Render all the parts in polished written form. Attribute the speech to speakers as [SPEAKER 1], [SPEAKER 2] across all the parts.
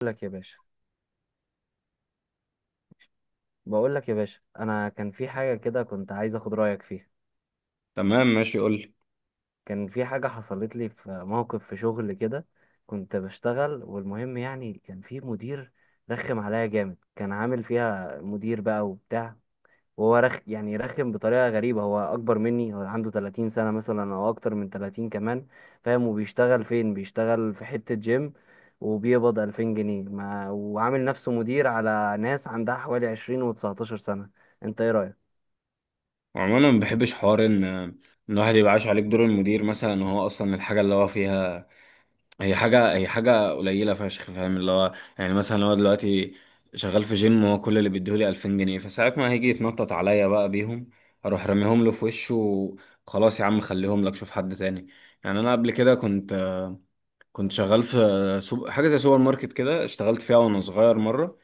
[SPEAKER 1] بقول لك يا باشا. انا كان في حاجه كده كنت عايز اخد رايك فيها.
[SPEAKER 2] تمام، ماشي، قول لي.
[SPEAKER 1] كان في حاجه حصلت لي في موقف في شغل كده. كنت بشتغل، والمهم يعني كان في مدير رخم عليا جامد، كان عامل فيها مدير بقى وبتاع. وهو رخ يعني رخم بطريقه غريبه. هو اكبر مني، هو عنده 30 سنه مثلا او اكتر من 30 كمان، فاهم؟ وبيشتغل فين؟ بيشتغل في حته جيم وبيقبض 2000 جنيه، ما وعامل نفسه مدير على ناس عندها حوالي 20 و19 سنه. انت ايه رايك؟
[SPEAKER 2] وعموما ما بحبش حوار إن الواحد يبقى عايش عليك دور المدير مثلا، وهو اصلا الحاجه اللي هو فيها هي حاجه قليله فشخ، فاهم؟ اللي هو يعني مثلا لو دلوقتي شغال في جيم، وهو كل اللي بيديهولي 2000 جنيه، فساعة ما هيجي يتنطط عليا بقى بيهم اروح راميهم له في وشه وخلاص، يا عم خليهم لك شوف حد تاني. يعني انا قبل كده كنت شغال في حاجه زي سوبر ماركت كده، اشتغلت فيها وانا صغير مره،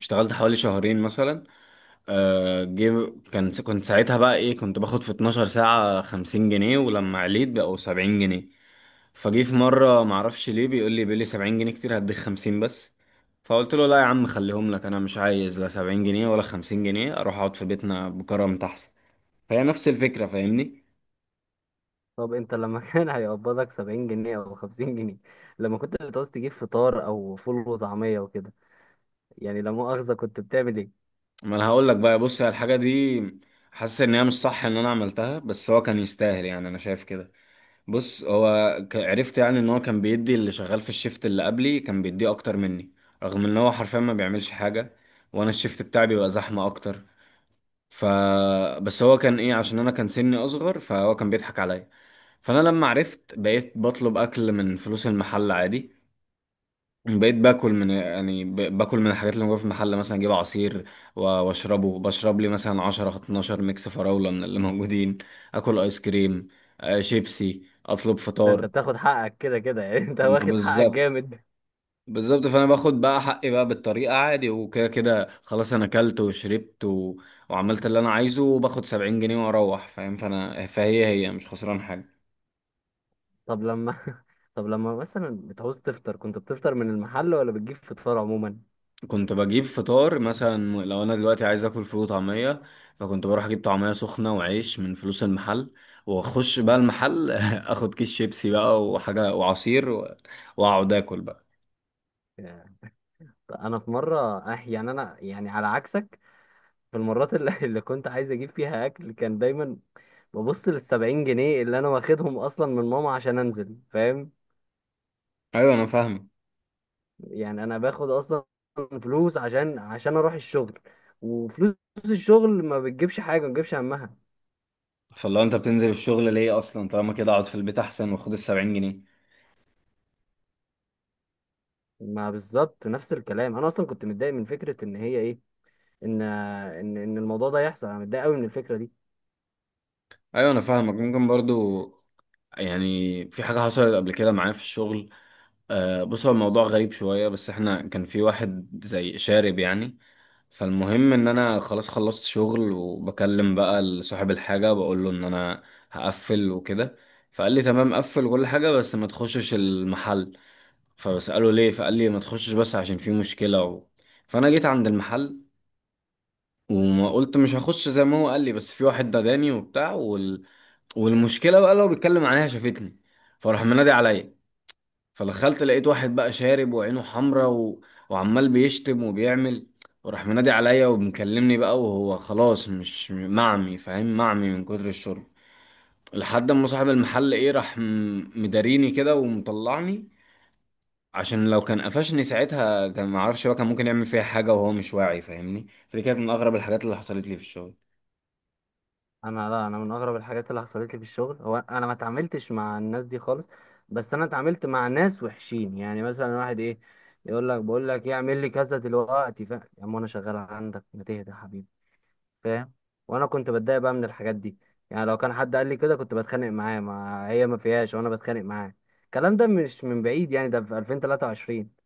[SPEAKER 2] اشتغلت حوالي شهرين مثلا. آه جيب كنت ساعتها بقى كنت باخد في 12 ساعة 50 جنيه، ولما عليت بقوا 70 جنيه. فجي في مرة معرفش ليه، بيقول لي 70 جنيه كتير، هديك 50 بس. فقلت له لا يا عم خليهم لك، انا مش عايز لا 70 جنيه ولا 50 جنيه، اروح اقعد في بيتنا بكرم احسن. فهي نفس الفكرة، فاهمني؟
[SPEAKER 1] طب انت لما كان هيقبضك 70 جنيه او 50 جنيه، لما كنت بتعوز تجيب فطار او فول وطعمية وكده، يعني لا مؤاخذة، كنت بتعمل ايه؟
[SPEAKER 2] ما انا هقول لك بقى، بص هي الحاجة دي حاسس ان هي مش صح ان انا عملتها، بس هو كان يستاهل يعني، انا شايف كده. بص هو عرفت يعني ان هو كان بيدي اللي شغال في الشيفت اللي قبلي كان بيديه اكتر مني، رغم ان هو حرفيا ما بيعملش حاجه، وانا الشيفت بتاعي بيبقى زحمه اكتر. ف بس هو كان عشان انا كان سني اصغر، فهو كان بيضحك عليا. فانا لما عرفت بقيت بطلب اكل من فلوس المحل عادي، بقيت باكل من يعني باكل من الحاجات اللي موجوده في المحل، مثلا اجيب عصير واشربه، بشرب لي مثلا 10 12 ميكس فراوله من اللي موجودين، اكل ايس كريم، شيبسي، اطلب
[SPEAKER 1] ده انت
[SPEAKER 2] فطار.
[SPEAKER 1] بتاخد حقك كده كده يعني، انت
[SPEAKER 2] ما
[SPEAKER 1] واخد حقك
[SPEAKER 2] بالظبط.
[SPEAKER 1] جامد.
[SPEAKER 2] بالظبط، فانا باخد بقى حقي بقى بالطريقه، عادي، وكده كده خلاص، انا اكلت وشربت وعملت اللي انا عايزه وباخد 70 جنيه واروح، فاهم؟ فانا فهي مش خسران حاجه.
[SPEAKER 1] طب لما طب لما مثلا بتعوز تفطر، كنت بتفطر من المحل ولا بتجيب فطار عموما؟
[SPEAKER 2] كنت بجيب فطار، مثلا لو انا دلوقتي عايز اكل فول وطعميه، فكنت بروح اجيب طعميه سخنه وعيش من فلوس المحل، واخش بقى المحل اخد كيس شيبسي بقى وحاجه وعصير واقعد اكل بقى.
[SPEAKER 1] ياه. انا في مرة، اه يعني، انا يعني على عكسك، في المرات اللي كنت عايز اجيب فيها اكل، كان دايما ببص للسبعين جنيه اللي انا واخدهم اصلا من ماما عشان انزل، فاهم؟
[SPEAKER 2] ايوه انا فاهمك،
[SPEAKER 1] يعني انا باخد اصلا فلوس عشان اروح الشغل، وفلوس الشغل ما بتجيبش حاجه، ما بتجيبش همها.
[SPEAKER 2] فلو انت بتنزل الشغل ليه اصلا؟ طالما كده اقعد في البيت احسن واخد ال 70 جنيه.
[SPEAKER 1] ما بالظبط نفس الكلام، انا اصلا كنت متضايق من فكره ان هي ايه، ان ان الموضوع ده يحصل. انا متضايق قوي من الفكره دي.
[SPEAKER 2] ايوه انا فاهمك. ممكن برضو يعني في حاجة حصلت قبل كده معايا في الشغل. آه بص، هو الموضوع غريب شوية، بس احنا كان في واحد زي شارب يعني. فالمهم ان انا خلاص خلصت شغل، وبكلم بقى صاحب الحاجة بقول له ان انا هقفل وكده. فقال لي تمام قفل كل حاجة بس ما تخشش المحل. فبسأله ليه، فقال لي ما تخشش بس عشان في مشكلة فانا جيت عند المحل، وما قلت مش هخش زي ما هو قال لي، بس في واحد داداني وبتاع والمشكله بقى لو بيتكلم عليها شافتني، فراح منادي عليا. فدخلت لقيت واحد بقى شارب وعينه حمرا وعمال بيشتم وبيعمل، وراح منادي عليا ومكلمني بقى، وهو خلاص مش معمي، فاهم؟ معمي من كتر الشرب، لحد ما صاحب المحل راح مداريني كده ومطلعني، عشان لو كان قفشني ساعتها كان معرفش بقى، كان ممكن يعمل فيها حاجة وهو مش واعي، فاهمني؟ فدي كانت من أغرب الحاجات اللي حصلت لي في الشغل.
[SPEAKER 1] لا انا من اغرب الحاجات اللي حصلت لي في الشغل، هو انا ما اتعاملتش مع الناس دي خالص، بس انا اتعاملت مع ناس وحشين. يعني مثلا واحد ايه يقول لك، بقول لك ايه، اعمل لي كذا دلوقتي، فاهم يا عم انا شغال عندك، ما تهدى يا حبيبي، فاهم؟ وانا كنت بتضايق بقى من الحاجات دي. يعني لو كان حد قال لي كده كنت بتخانق معاه، ما هي ما فيهاش وانا بتخانق معاه. الكلام ده مش من بعيد، يعني ده في 2023.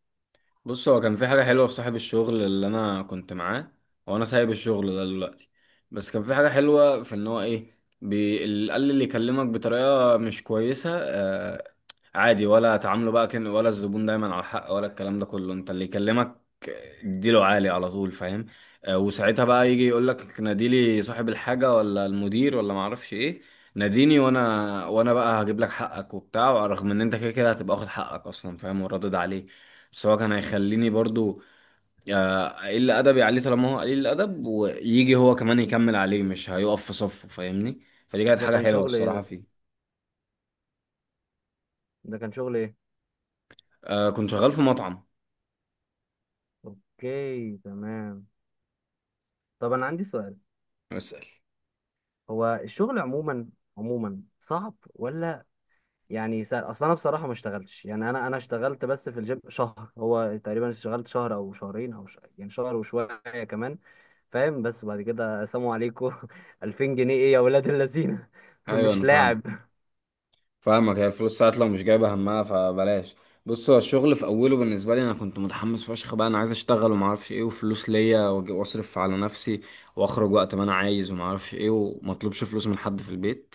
[SPEAKER 2] بص هو كان في حاجة حلوة في صاحب الشغل اللي أنا كنت معاه، وأنا سايب الشغل ده دلوقتي. بس كان في حاجة حلوة في إن هو اللي يكلمك بطريقة مش كويسة، عادي ولا تعامله بقى، كان ولا الزبون دايما على حق ولا الكلام ده كله، أنت اللي يكلمك اديله عالي على طول، فاهم؟ وساعتها بقى يجي يقولك ناديلي صاحب الحاجة ولا المدير ولا معرفش إيه، ناديني، وانا بقى هجيب لك حقك وبتاع، رغم ان انت كده كده هتبقى واخد حقك اصلا، فاهم؟ وردد عليك، بس هو كان هيخليني برضو قليل ادبي عليه طالما هو قليل الادب ويجي هو كمان يكمل عليه، مش هيقف في صفه، فاهمني؟ فدي كانت
[SPEAKER 1] ده
[SPEAKER 2] حاجه
[SPEAKER 1] كان
[SPEAKER 2] حلوه
[SPEAKER 1] شغل ايه
[SPEAKER 2] الصراحه
[SPEAKER 1] ده؟
[SPEAKER 2] فيه.
[SPEAKER 1] ده كان شغل ايه
[SPEAKER 2] كنت شغال في مطعم.
[SPEAKER 1] اوكي تمام. طب انا عندي سؤال،
[SPEAKER 2] اسال.
[SPEAKER 1] هو الشغل عموما، عموما صعب ولا يعني سهل؟ اصل انا بصراحه ما اشتغلتش. يعني انا اشتغلت بس في الجيم شهر، هو تقريبا اشتغلت شهر او شهرين او يعني شهر وشويه كمان، فاهم؟ بس بعد كده سلام عليكم. 2000 جنيه ايه يا ولاد اللذينه؟
[SPEAKER 2] ايوه
[SPEAKER 1] مش
[SPEAKER 2] انا
[SPEAKER 1] لاعب.
[SPEAKER 2] فاهم. فاهمك، هي الفلوس ساعات لو مش جايبه همها فبلاش. بص هو الشغل في اوله بالنسبه لي انا كنت متحمس فشخ بقى، انا عايز اشتغل وما اعرفش ايه، وفلوس ليا واصرف على نفسي واخرج وقت ما انا عايز وما اعرفش ايه، وما اطلبش فلوس من حد في البيت.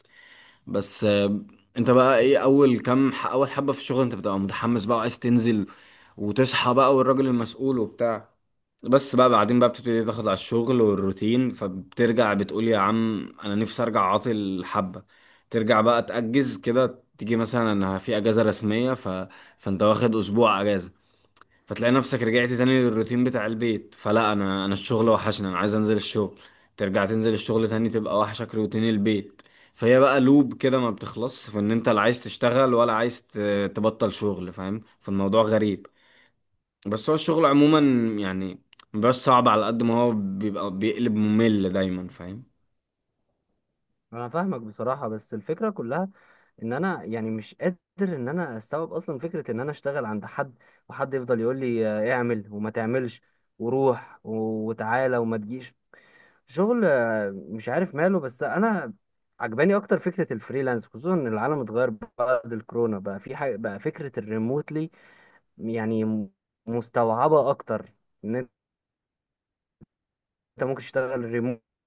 [SPEAKER 2] بس انت بقى اول حبة في الشغل انت بتبقى متحمس بقى، وعايز تنزل وتصحى بقى والراجل المسؤول وبتاع. بس بقى بعدين بقى بتبتدي تاخد على الشغل والروتين، فبترجع بتقول يا عم انا نفسي ارجع عاطل حبة، ترجع بقى تأجز كده، تيجي مثلا انا في اجازة رسمية فانت واخد اسبوع اجازة، فتلاقي نفسك رجعت تاني للروتين بتاع البيت، فلا، انا الشغل وحشني، انا عايز انزل الشغل. ترجع تنزل الشغل تاني تبقى وحشك روتين البيت. فهي بقى لوب كده ما بتخلص، فان انت لا عايز تشتغل ولا عايز تبطل شغل، فاهم؟ فالموضوع غريب. بس هو الشغل عموما يعني مبيبقاش صعب على قد ما هو بيبقى بيقلب ممل دايما، فاهم؟
[SPEAKER 1] انا فاهمك بصراحه، بس الفكره كلها ان انا يعني مش قادر ان انا استوعب اصلا فكره ان انا اشتغل عند حد، وحد يفضل يقول لي اعمل وما تعملش، وروح وتعالى وما تجيش. شغل مش عارف ماله. بس انا عجباني اكتر فكره الفريلانس، خصوصا ان العالم اتغير بعد الكورونا، بقى في حاجه بقى فكره الريموتلي. يعني مستوعبه اكتر ان انت ممكن تشتغل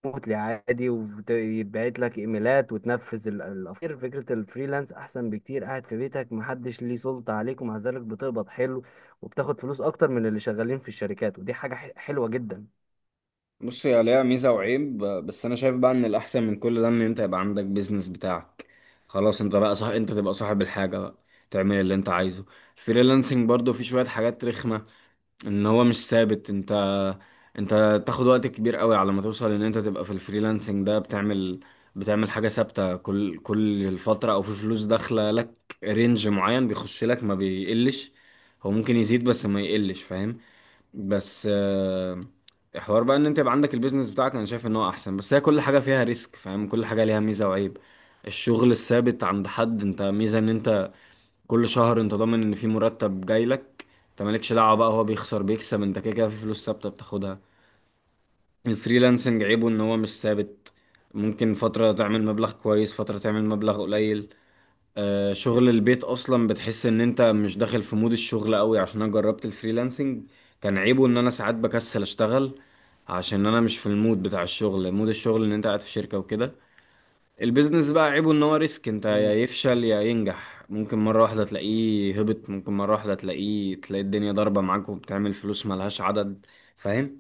[SPEAKER 1] ريموتلي عادي ويتبعت لك ايميلات وتنفذ الافكار. فكره الفريلانس احسن بكتير، قاعد في بيتك محدش ليه سلطه عليك، ومع ذلك بتقبض حلو وبتاخد فلوس اكتر من اللي شغالين في الشركات، ودي حاجه حلوه جدا.
[SPEAKER 2] بص هي ليها ميزة وعيب، بس أنا شايف بقى إن الأحسن من كل ده إن أنت يبقى عندك بيزنس بتاعك، خلاص أنت بقى صح، أنت تبقى صاحب الحاجة بقى، تعمل اللي أنت عايزه. الفريلانسنج برضو فيه شوية حاجات رخمة، إن هو مش ثابت، أنت تاخد وقت كبير قوي على ما توصل إن أنت تبقى في الفريلانسنج ده، بتعمل حاجة ثابتة كل الفترة، أو في فلوس داخلة لك رينج معين بيخش لك ما بيقلش، هو ممكن يزيد بس ما يقلش، فاهم؟ بس حوار بقى ان انت يبقى عندك البيزنس بتاعك، انا شايف ان هو احسن، بس هي كل حاجه فيها ريسك، فاهم؟ كل حاجه ليها ميزه وعيب. الشغل الثابت عند حد، انت ميزه ان انت كل شهر انت ضامن ان في مرتب جاي لك، انت مالكش دعوه بقى هو بيخسر بيكسب، انت كده كده في فلوس ثابته بتاخدها. الفريلانسنج عيبه ان هو مش ثابت، ممكن فتره تعمل مبلغ كويس، فتره تعمل مبلغ قليل. شغل البيت اصلا بتحس ان انت مش داخل في مود الشغل قوي، عشان انا جربت الفريلانسنج كان عيبه ان انا ساعات بكسل اشتغل، عشان انا مش في المود بتاع الشغل، مود الشغل ان انت قاعد في شركة وكده. البيزنس بقى عيبه ان هو ريسك، انت يا يفشل يا ينجح، ممكن مرة واحدة تلاقيه هبط، ممكن مرة واحدة تلاقيه تلاقي الدنيا ضاربة معاك وبتعمل فلوس ملهاش عدد، فاهم؟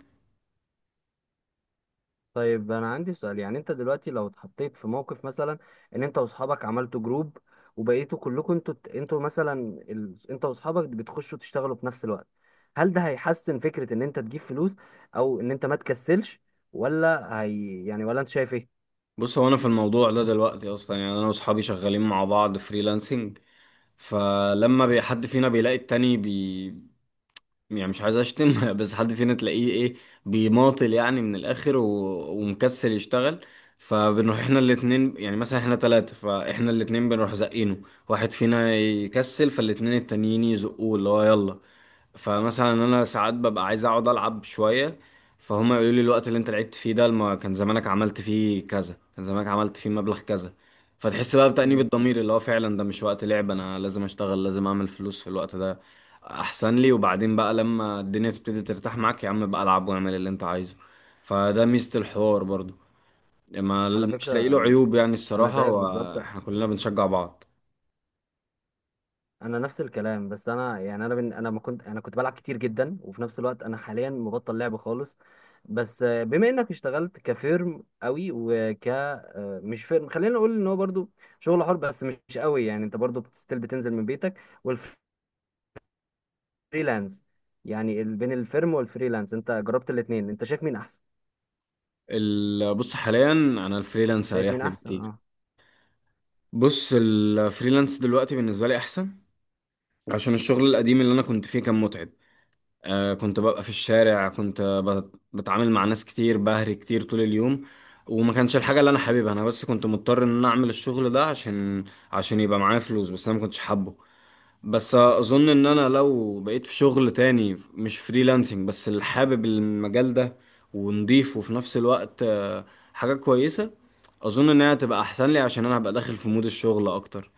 [SPEAKER 1] طيب انا عندي سؤال، يعني انت دلوقتي لو اتحطيت في موقف مثلا ان انت واصحابك عملتوا جروب وبقيتوا كلكم، انتوا مثلا، انت واصحابك بتخشوا تشتغلوا في نفس الوقت، هل ده هيحسن فكرة ان انت تجيب فلوس او ان انت ما تكسلش؟ ولا هي يعني، ولا انت شايف ايه؟
[SPEAKER 2] بص هو انا في الموضوع ده دلوقتي اصلا يعني انا واصحابي شغالين مع بعض فريلانسنج، فلما حد فينا بيلاقي التاني يعني مش عايز اشتم بس حد فينا تلاقيه بيماطل يعني من الاخر ومكسل يشتغل، فبنروح احنا الاتنين، يعني مثلا احنا تلاتة، فاحنا الاتنين بنروح زقينه، واحد فينا يكسل فالاتنين التانيين يزقوه اللي هو يلا. فمثلا انا ساعات ببقى عايز اقعد العب شويه، فهما يقولوا لي الوقت اللي انت لعبت فيه ده ما كان زمانك عملت فيه كذا، كان زمانك عملت فيه مبلغ كذا. فتحس بقى بتأنيب
[SPEAKER 1] مم.
[SPEAKER 2] الضمير اللي هو فعلا ده مش وقت لعب، انا لازم اشتغل، لازم اعمل فلوس في الوقت ده احسن لي، وبعدين بقى لما الدنيا تبتدي ترتاح معاك يا عم بقى العب واعمل اللي انت عايزه. فده ميزة الحوار برضو، ما
[SPEAKER 1] على
[SPEAKER 2] مش لاقي له
[SPEAKER 1] فكرة
[SPEAKER 2] عيوب يعني
[SPEAKER 1] انا
[SPEAKER 2] الصراحة،
[SPEAKER 1] زيك بالظبط،
[SPEAKER 2] واحنا كلنا بنشجع بعض.
[SPEAKER 1] انا نفس الكلام. بس انا يعني انا ما كنت، انا كنت بلعب كتير جدا، وفي نفس الوقت انا حاليا مبطل لعب خالص. بس بما انك اشتغلت كفيرم قوي، وك آه، مش فيرم، خلينا نقول ان هو برضو شغل حر بس مش قوي، يعني انت برضو بتستيل، بتنزل من بيتك والفريلانس. يعني بين الفيرم والفريلانس، انت جربت الاتنين، انت شايف مين احسن؟
[SPEAKER 2] بص حاليا انا الفريلانس
[SPEAKER 1] شايف
[SPEAKER 2] اريح
[SPEAKER 1] مين
[SPEAKER 2] لي
[SPEAKER 1] احسن
[SPEAKER 2] بكتير.
[SPEAKER 1] اه
[SPEAKER 2] بص الفريلانس دلوقتي بالنسبة لي أحسن، عشان الشغل القديم اللي أنا كنت فيه كان متعب. كنت ببقى في الشارع، كنت بتعامل مع ناس كتير، بهري كتير طول اليوم، وما كانش الحاجة اللي أنا حاببها أنا، بس كنت مضطر إن أنا أعمل الشغل ده عشان يبقى معايا فلوس، بس أنا ما كنتش حابه. بس أظن إن أنا لو بقيت في شغل تاني مش فريلانسنج، بس اللي حابب المجال ده ونضيف وفي نفس الوقت حاجة كويسة، أظن إنها تبقى أحسن لي، عشان أنا هبقى داخل في مود الشغل أكتر.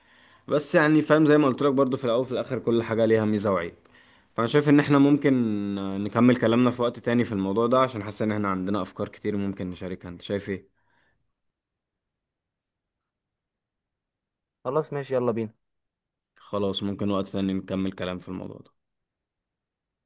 [SPEAKER 2] بس يعني فاهم زي ما قلت لك برضو، في الاول وفي الاخر كل حاجه ليها ميزه وعيب. فانا شايف ان احنا ممكن نكمل كلامنا في وقت تاني في الموضوع ده، عشان حاسس ان احنا عندنا افكار كتير ممكن نشاركها، انت شايف ايه؟
[SPEAKER 1] خلاص ماشي يلا بينا.
[SPEAKER 2] خلاص، ممكن وقت تاني نكمل كلام في الموضوع ده.